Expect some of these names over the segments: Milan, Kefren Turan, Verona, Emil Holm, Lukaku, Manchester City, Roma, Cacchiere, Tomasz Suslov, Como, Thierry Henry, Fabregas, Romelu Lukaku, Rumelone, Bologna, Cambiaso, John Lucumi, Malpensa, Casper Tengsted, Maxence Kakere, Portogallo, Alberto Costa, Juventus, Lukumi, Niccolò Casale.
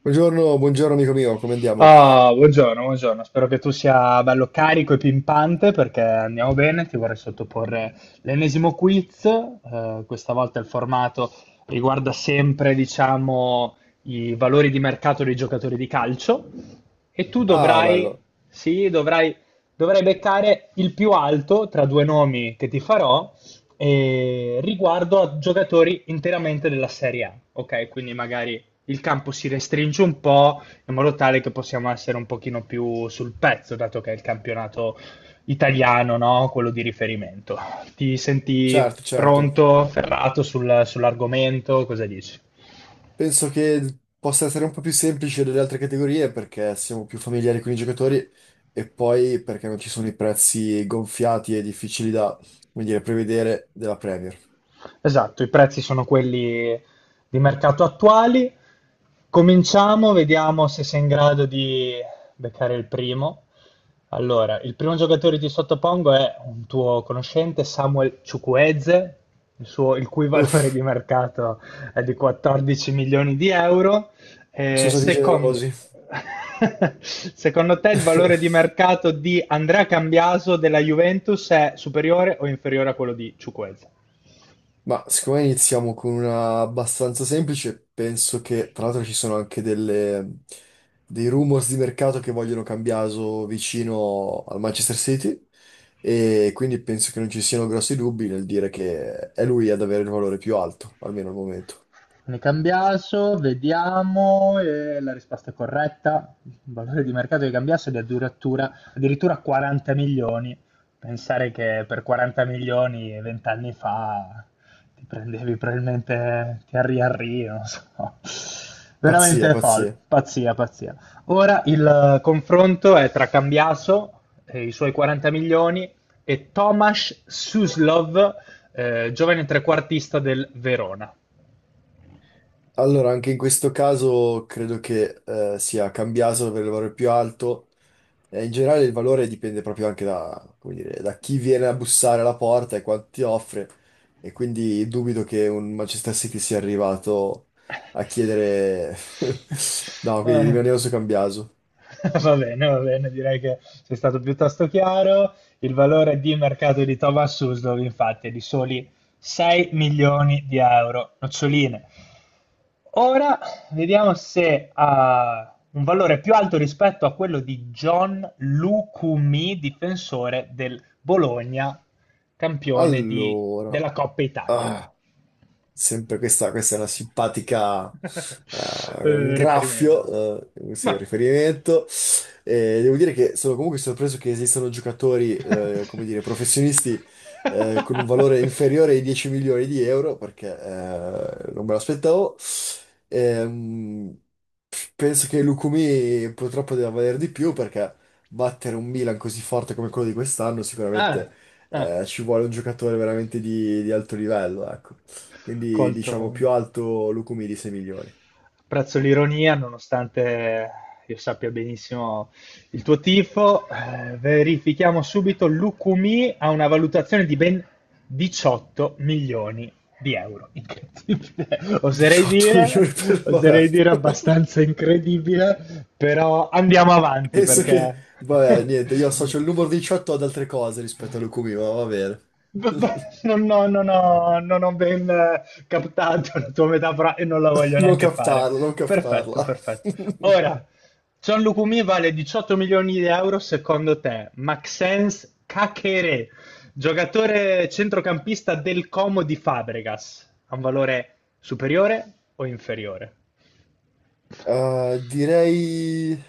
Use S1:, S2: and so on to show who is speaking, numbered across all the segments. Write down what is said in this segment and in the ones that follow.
S1: Buongiorno, buongiorno amico mio, come andiamo?
S2: Ah, buongiorno, buongiorno. Spero che tu sia bello carico e pimpante perché andiamo bene. Ti vorrei sottoporre l'ennesimo quiz. Questa volta il formato riguarda sempre, diciamo, i valori di mercato dei giocatori di calcio. E tu
S1: Ah,
S2: dovrai,
S1: bello.
S2: sì, dovrai beccare il più alto tra due nomi che ti farò riguardo a giocatori interamente della Serie A. Ok, quindi magari il campo si restringe un po' in modo tale che possiamo essere un pochino più sul pezzo, dato che è il campionato italiano, no? Quello di riferimento. Ti senti
S1: Certo, certo.
S2: pronto, ferrato sull'argomento? Cosa dici?
S1: Penso che possa essere un po' più semplice delle altre categorie perché siamo più familiari con i giocatori e poi perché non ci sono i prezzi gonfiati e difficili da, come dire, prevedere della Premier.
S2: Esatto, i prezzi sono quelli di mercato attuali. Cominciamo, vediamo se sei in grado di beccare il primo. Allora, il primo giocatore che ti sottopongo è un tuo conoscente, Samuel Chukwueze, il cui valore
S1: Uff,
S2: di mercato è di 14 milioni di euro. Eh,
S1: sono stati
S2: secon-
S1: generosi.
S2: Secondo te il valore di mercato di Andrea Cambiaso della Juventus è superiore o inferiore a quello di Chukwueze?
S1: Ma siccome iniziamo con una abbastanza semplice, penso che tra l'altro ci sono anche dei rumors di mercato che vogliono Cambiaso vicino al Manchester City e quindi penso che non ci siano grossi dubbi nel dire che è lui ad avere il valore più alto, almeno al momento.
S2: Ne Cambiaso, vediamo, e la risposta è corretta. Il valore di mercato di Cambiaso è di addirittura 40 milioni. Pensare che per 40 milioni vent'anni fa ti prendevi probabilmente Thierry Henry, non so.
S1: Pazzia,
S2: Veramente folle,
S1: pazzia.
S2: pazzia, pazzia. Ora il confronto è tra Cambiaso e i suoi 40 milioni e Tomasz Suslov, giovane trequartista del Verona.
S1: Allora, anche in questo caso credo che sia Cambiaso ad avere il valore più alto. In generale il valore dipende proprio anche da, come dire, da chi viene a bussare alla porta e quanto ti offre e quindi dubito che un Manchester City sia arrivato a chiedere... No, quindi
S2: Eh,
S1: rimanevo su Cambiaso.
S2: Va bene, va bene, direi che sei stato piuttosto chiaro. Il valore di mercato di Thomas Suslow, infatti, è di soli 6 milioni di euro, noccioline. Ora vediamo se ha un valore più alto rispetto a quello di John Lucumi, difensore del Bologna, campione
S1: Allora,
S2: della Coppa Italia.
S1: ah, sempre questa è una simpatica, un
S2: Riferimento.
S1: graffio, sì, un
S2: Vabbè.
S1: riferimento. Devo dire che sono comunque sorpreso che esistano giocatori, come dire, professionisti, con un valore inferiore ai 10 milioni di euro, perché non me l'aspettavo. Ehm, Penso che Lukumi purtroppo debba valere di più, perché battere un Milan così forte come quello di quest'anno
S2: Ah,
S1: sicuramente
S2: ah,
S1: ci vuole un giocatore veramente di alto livello, ecco. Quindi
S2: colto.
S1: diciamo più alto Lukumi di 6 milioni.
S2: Apprezzo l'ironia, nonostante io sappia benissimo il tuo tifo. Verifichiamo subito. Lukumi ha una valutazione di ben 18 milioni di euro. Incredibile. Oserei
S1: 18
S2: dire,
S1: milioni per... Vabbè.
S2: oserei dire abbastanza incredibile, però andiamo avanti
S1: Penso che,
S2: perché
S1: vabbè, niente, io associo il numero 18 ad altre cose rispetto all'Ukumi, ma va bene.
S2: B- b- Non, no, non ho ben captato la tua metafora e non la voglio
S1: Non
S2: neanche fare.
S1: captarla, non
S2: Perfetto,
S1: captarla.
S2: perfetto. Ora, Gianlucumi vale 18 milioni di euro secondo te. Maxence Kakere, giocatore centrocampista del Como di Fabregas, ha un valore superiore o inferiore?
S1: Eh, direi,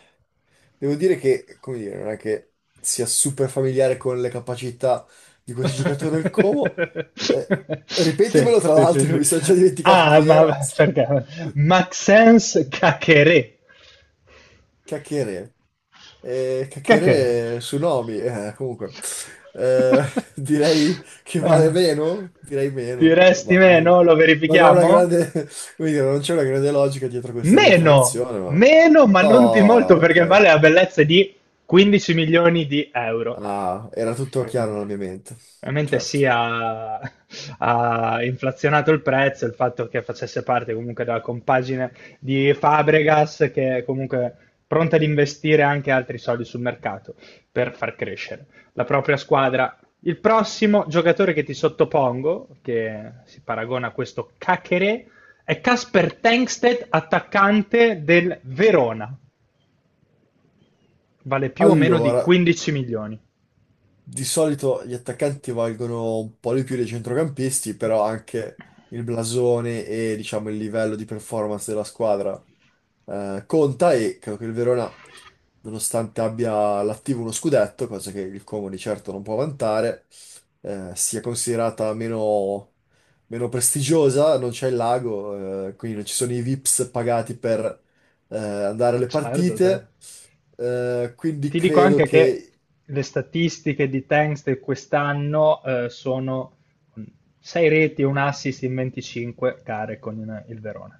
S1: devo dire che, come dire, non è che sia super familiare con le capacità di questo giocatore del Como. Eh,
S2: Sì,
S1: ripetimelo, tra
S2: sì,
S1: l'altro,
S2: sì,
S1: che
S2: sì.
S1: mi sono già dimenticato
S2: Ah,
S1: chi era.
S2: ma perché? Maxence Kakere.
S1: Cacchiere. E
S2: Kekere.
S1: chiacchiere sui nomi, comunque. Eh, direi che
S2: Eh,
S1: vale meno? Direi
S2: Ti
S1: meno,
S2: resti meno? Lo
S1: non ho una
S2: verifichiamo?
S1: grande, come dire, non c'è una grande logica dietro questa mia
S2: Meno!
S1: affermazione, ma...
S2: Meno, ma non di molto
S1: Oh,
S2: perché
S1: ok.
S2: vale la bellezza di 15 milioni di euro.
S1: Ah, era tutto
S2: Eh,
S1: chiaro nella mia mente,
S2: Veramente
S1: certo.
S2: sì, ha inflazionato il prezzo il fatto che facesse parte comunque della compagine di Fabregas, che è comunque pronta ad investire anche altri soldi sul mercato per far crescere la propria squadra. Il prossimo giocatore che ti sottopongo, che si paragona a questo Cachere, è Casper Tengsted, attaccante del Verona. Vale più o meno di
S1: Allora,
S2: 15 milioni.
S1: di solito gli attaccanti valgono un po' di più dei centrocampisti, però anche il blasone e, diciamo, il livello di performance della squadra conta e credo che il Verona, nonostante abbia l'attivo uno scudetto, cosa che il Como di certo non può vantare, sia considerata meno, meno prestigiosa, non c'è il lago, quindi non ci sono i VIPs pagati per andare alle
S2: Certo, certo.
S1: partite, eh, quindi
S2: Ti dico
S1: credo
S2: anche che
S1: che,
S2: le statistiche di Tanks di quest'anno sono 6 reti e un assist in 25 gare con il Verona.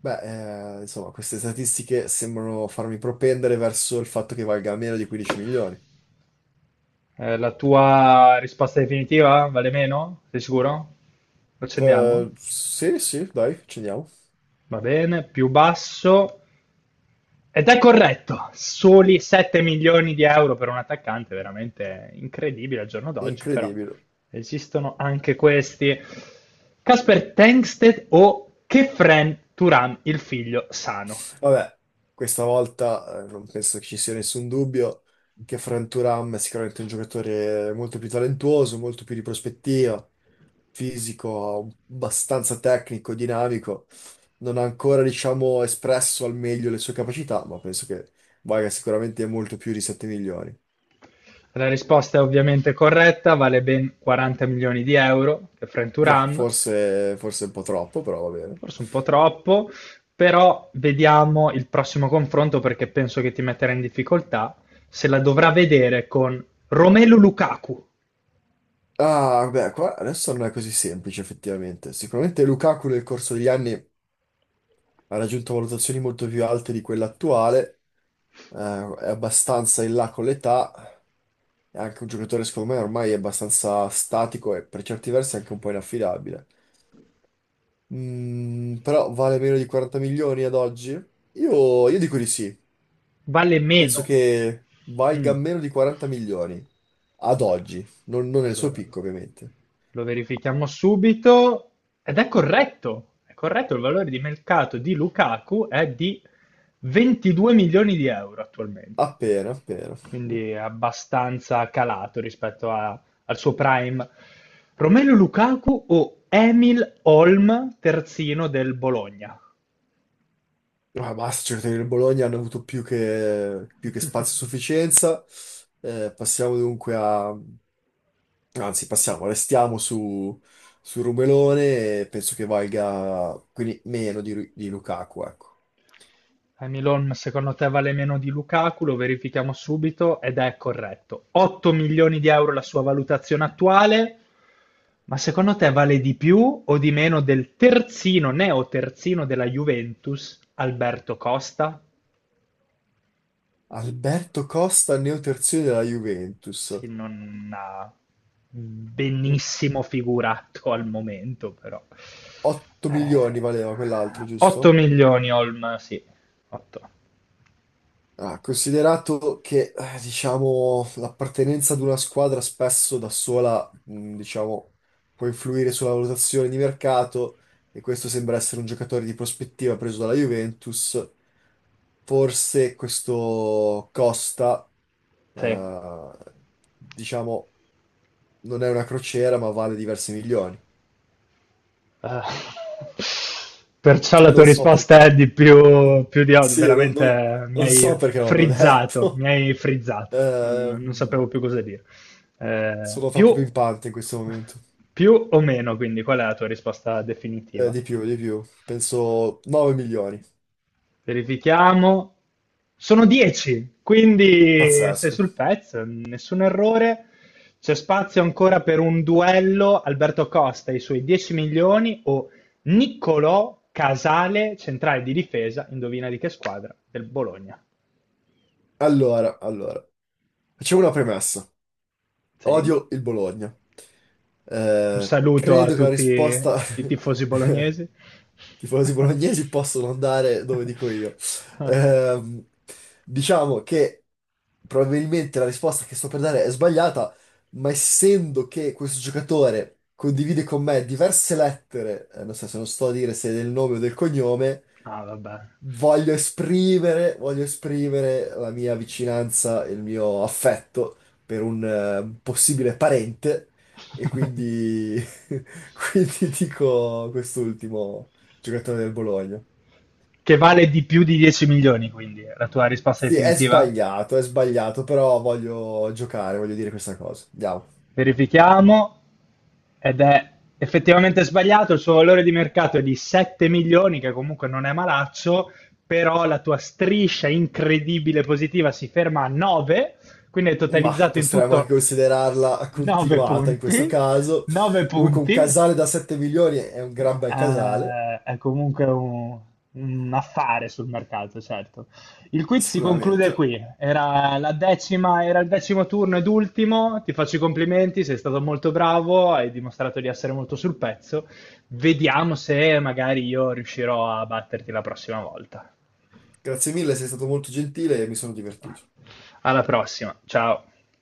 S1: beh, insomma, queste statistiche sembrano farmi propendere verso il fatto che valga meno di 15 milioni.
S2: La tua risposta definitiva vale meno? Sei sicuro? Lo accendiamo?
S1: Sì, sì, dai, ci andiamo.
S2: Va bene, più basso. Ed è corretto, soli 7 milioni di euro per un attaccante, veramente incredibile al giorno d'oggi, però
S1: Incredibile.
S2: esistono anche questi. Casper Tengsted o Kefren Turan, il figlio sano?
S1: Vabbè, questa volta non penso che ci sia nessun dubbio che Frank Thuram è sicuramente un giocatore molto più talentuoso, molto più di prospettiva, fisico, abbastanza tecnico, dinamico. Non ha ancora, diciamo, espresso al meglio le sue capacità, ma penso che valga sicuramente molto più di 7 milioni.
S2: La risposta è ovviamente corretta, vale ben 40 milioni di euro, Kefren
S1: Ma
S2: Turan,
S1: forse, forse un po' troppo, però va bene.
S2: forse un po' troppo, però vediamo il prossimo confronto perché penso che ti metterà in difficoltà se la dovrà vedere con Romelu Lukaku.
S1: Ah, beh, qua adesso non è così semplice effettivamente. Sicuramente Lukaku nel corso degli anni ha raggiunto valutazioni molto più alte di quella attuale è abbastanza in là con l'età, è anche un giocatore secondo me ormai è abbastanza statico e per certi versi anche un po' inaffidabile. Mm, però vale meno di 40 milioni ad oggi? Io dico di sì,
S2: Vale meno.
S1: penso che valga
S2: Mm,
S1: meno di 40 milioni ad oggi, non nel suo
S2: Allora,
S1: picco ovviamente,
S2: lo verifichiamo subito. Ed è corretto. È corretto, il valore di mercato di Lukaku è di 22 milioni di euro attualmente.
S1: appena, appena.
S2: Quindi è abbastanza calato rispetto al suo prime. Romelu Lukaku o Emil Holm, terzino del Bologna?
S1: Ma basta, i giocatori del Bologna hanno avuto più che spazio a sufficienza. Passiamo dunque a Anzi, passiamo, restiamo su, su Rumelone e penso che valga quindi meno di, di Lukaku, ecco.
S2: Hamiloan secondo te vale meno di Lukaku, lo verifichiamo subito ed è corretto. 8 milioni di euro la sua valutazione attuale, ma secondo te vale di più o di meno del terzino, neo terzino della Juventus, Alberto Costa?
S1: Alberto Costa, neoterzione della Juventus.
S2: Sì, non ha
S1: Mm,
S2: benissimo figurato al momento, però.
S1: 8 milioni
S2: Eh,
S1: valeva quell'altro,
S2: 8
S1: giusto?
S2: milioni, Olm, sì, 8.
S1: Ah, considerato che, diciamo, l'appartenenza ad una squadra spesso da sola, mm, diciamo, può influire sulla valutazione di mercato e questo sembra essere un giocatore di prospettiva preso dalla Juventus. Forse questo costa,
S2: Sì,
S1: eh, diciamo, non è una crociera, ma vale diversi milioni.
S2: Eh, perciò la tua
S1: Non so
S2: risposta è
S1: perché.
S2: di più, più di altro.
S1: Sì,
S2: Veramente mi
S1: non so
S2: hai
S1: perché non l'ho
S2: frizzato, mi
S1: detto.
S2: hai frizzato. Non,
S1: Eh,
S2: non- non sapevo più cosa dire. Eh,
S1: sono troppo
S2: più,
S1: pimpante in questo momento.
S2: più o meno, quindi, qual è la tua risposta definitiva?
S1: Di più, di più. Penso 9 milioni.
S2: Verifichiamo. Sono 10, quindi sei
S1: Pazzesco.
S2: sul pezzo, nessun errore. C'è spazio ancora per un duello Alberto Costa e i suoi 10 milioni o Niccolò Casale, centrale di difesa, indovina di che squadra? Del Bologna.
S1: Allora, facciamo una premessa.
S2: Sì.
S1: Odio il Bologna.
S2: Un saluto a
S1: Credo che la
S2: tutti
S1: risposta
S2: i tifosi bolognesi.
S1: tifosi bolognesi possono andare dove dico io. Ehm, diciamo che probabilmente la risposta che sto per dare è sbagliata, ma essendo che questo giocatore condivide con me diverse lettere, nel senso non sto a dire se è del nome o del cognome,
S2: Ah, vabbè.
S1: voglio esprimere la mia vicinanza e il mio affetto per un possibile parente e quindi, quindi dico quest'ultimo giocatore del Bologna.
S2: Che vale di più di 10 milioni, quindi la tua risposta
S1: Sì,
S2: definitiva?
S1: è sbagliato, però voglio giocare, voglio dire questa cosa. Andiamo.
S2: Verifichiamo. Ed è effettivamente sbagliato, il suo valore di mercato è di 7 milioni, che comunque non è malaccio, però la tua striscia incredibile positiva si ferma a 9, quindi hai
S1: Ma
S2: totalizzato in
S1: potremmo anche
S2: tutto
S1: considerarla
S2: 9
S1: continuata in questo
S2: punti,
S1: caso.
S2: 9
S1: Comunque un
S2: punti,
S1: casale da 7 milioni è un gran bel casale,
S2: È comunque un affare sul mercato, certo. Il quiz si conclude
S1: sicuramente.
S2: qui. Era la 10ª, era il 10° turno ed ultimo. Ti faccio i complimenti, sei stato molto bravo, hai dimostrato di essere molto sul pezzo. Vediamo se magari io riuscirò a batterti la prossima volta.
S1: Grazie mille, sei stato molto gentile e mi sono divertito.
S2: Alla prossima, ciao.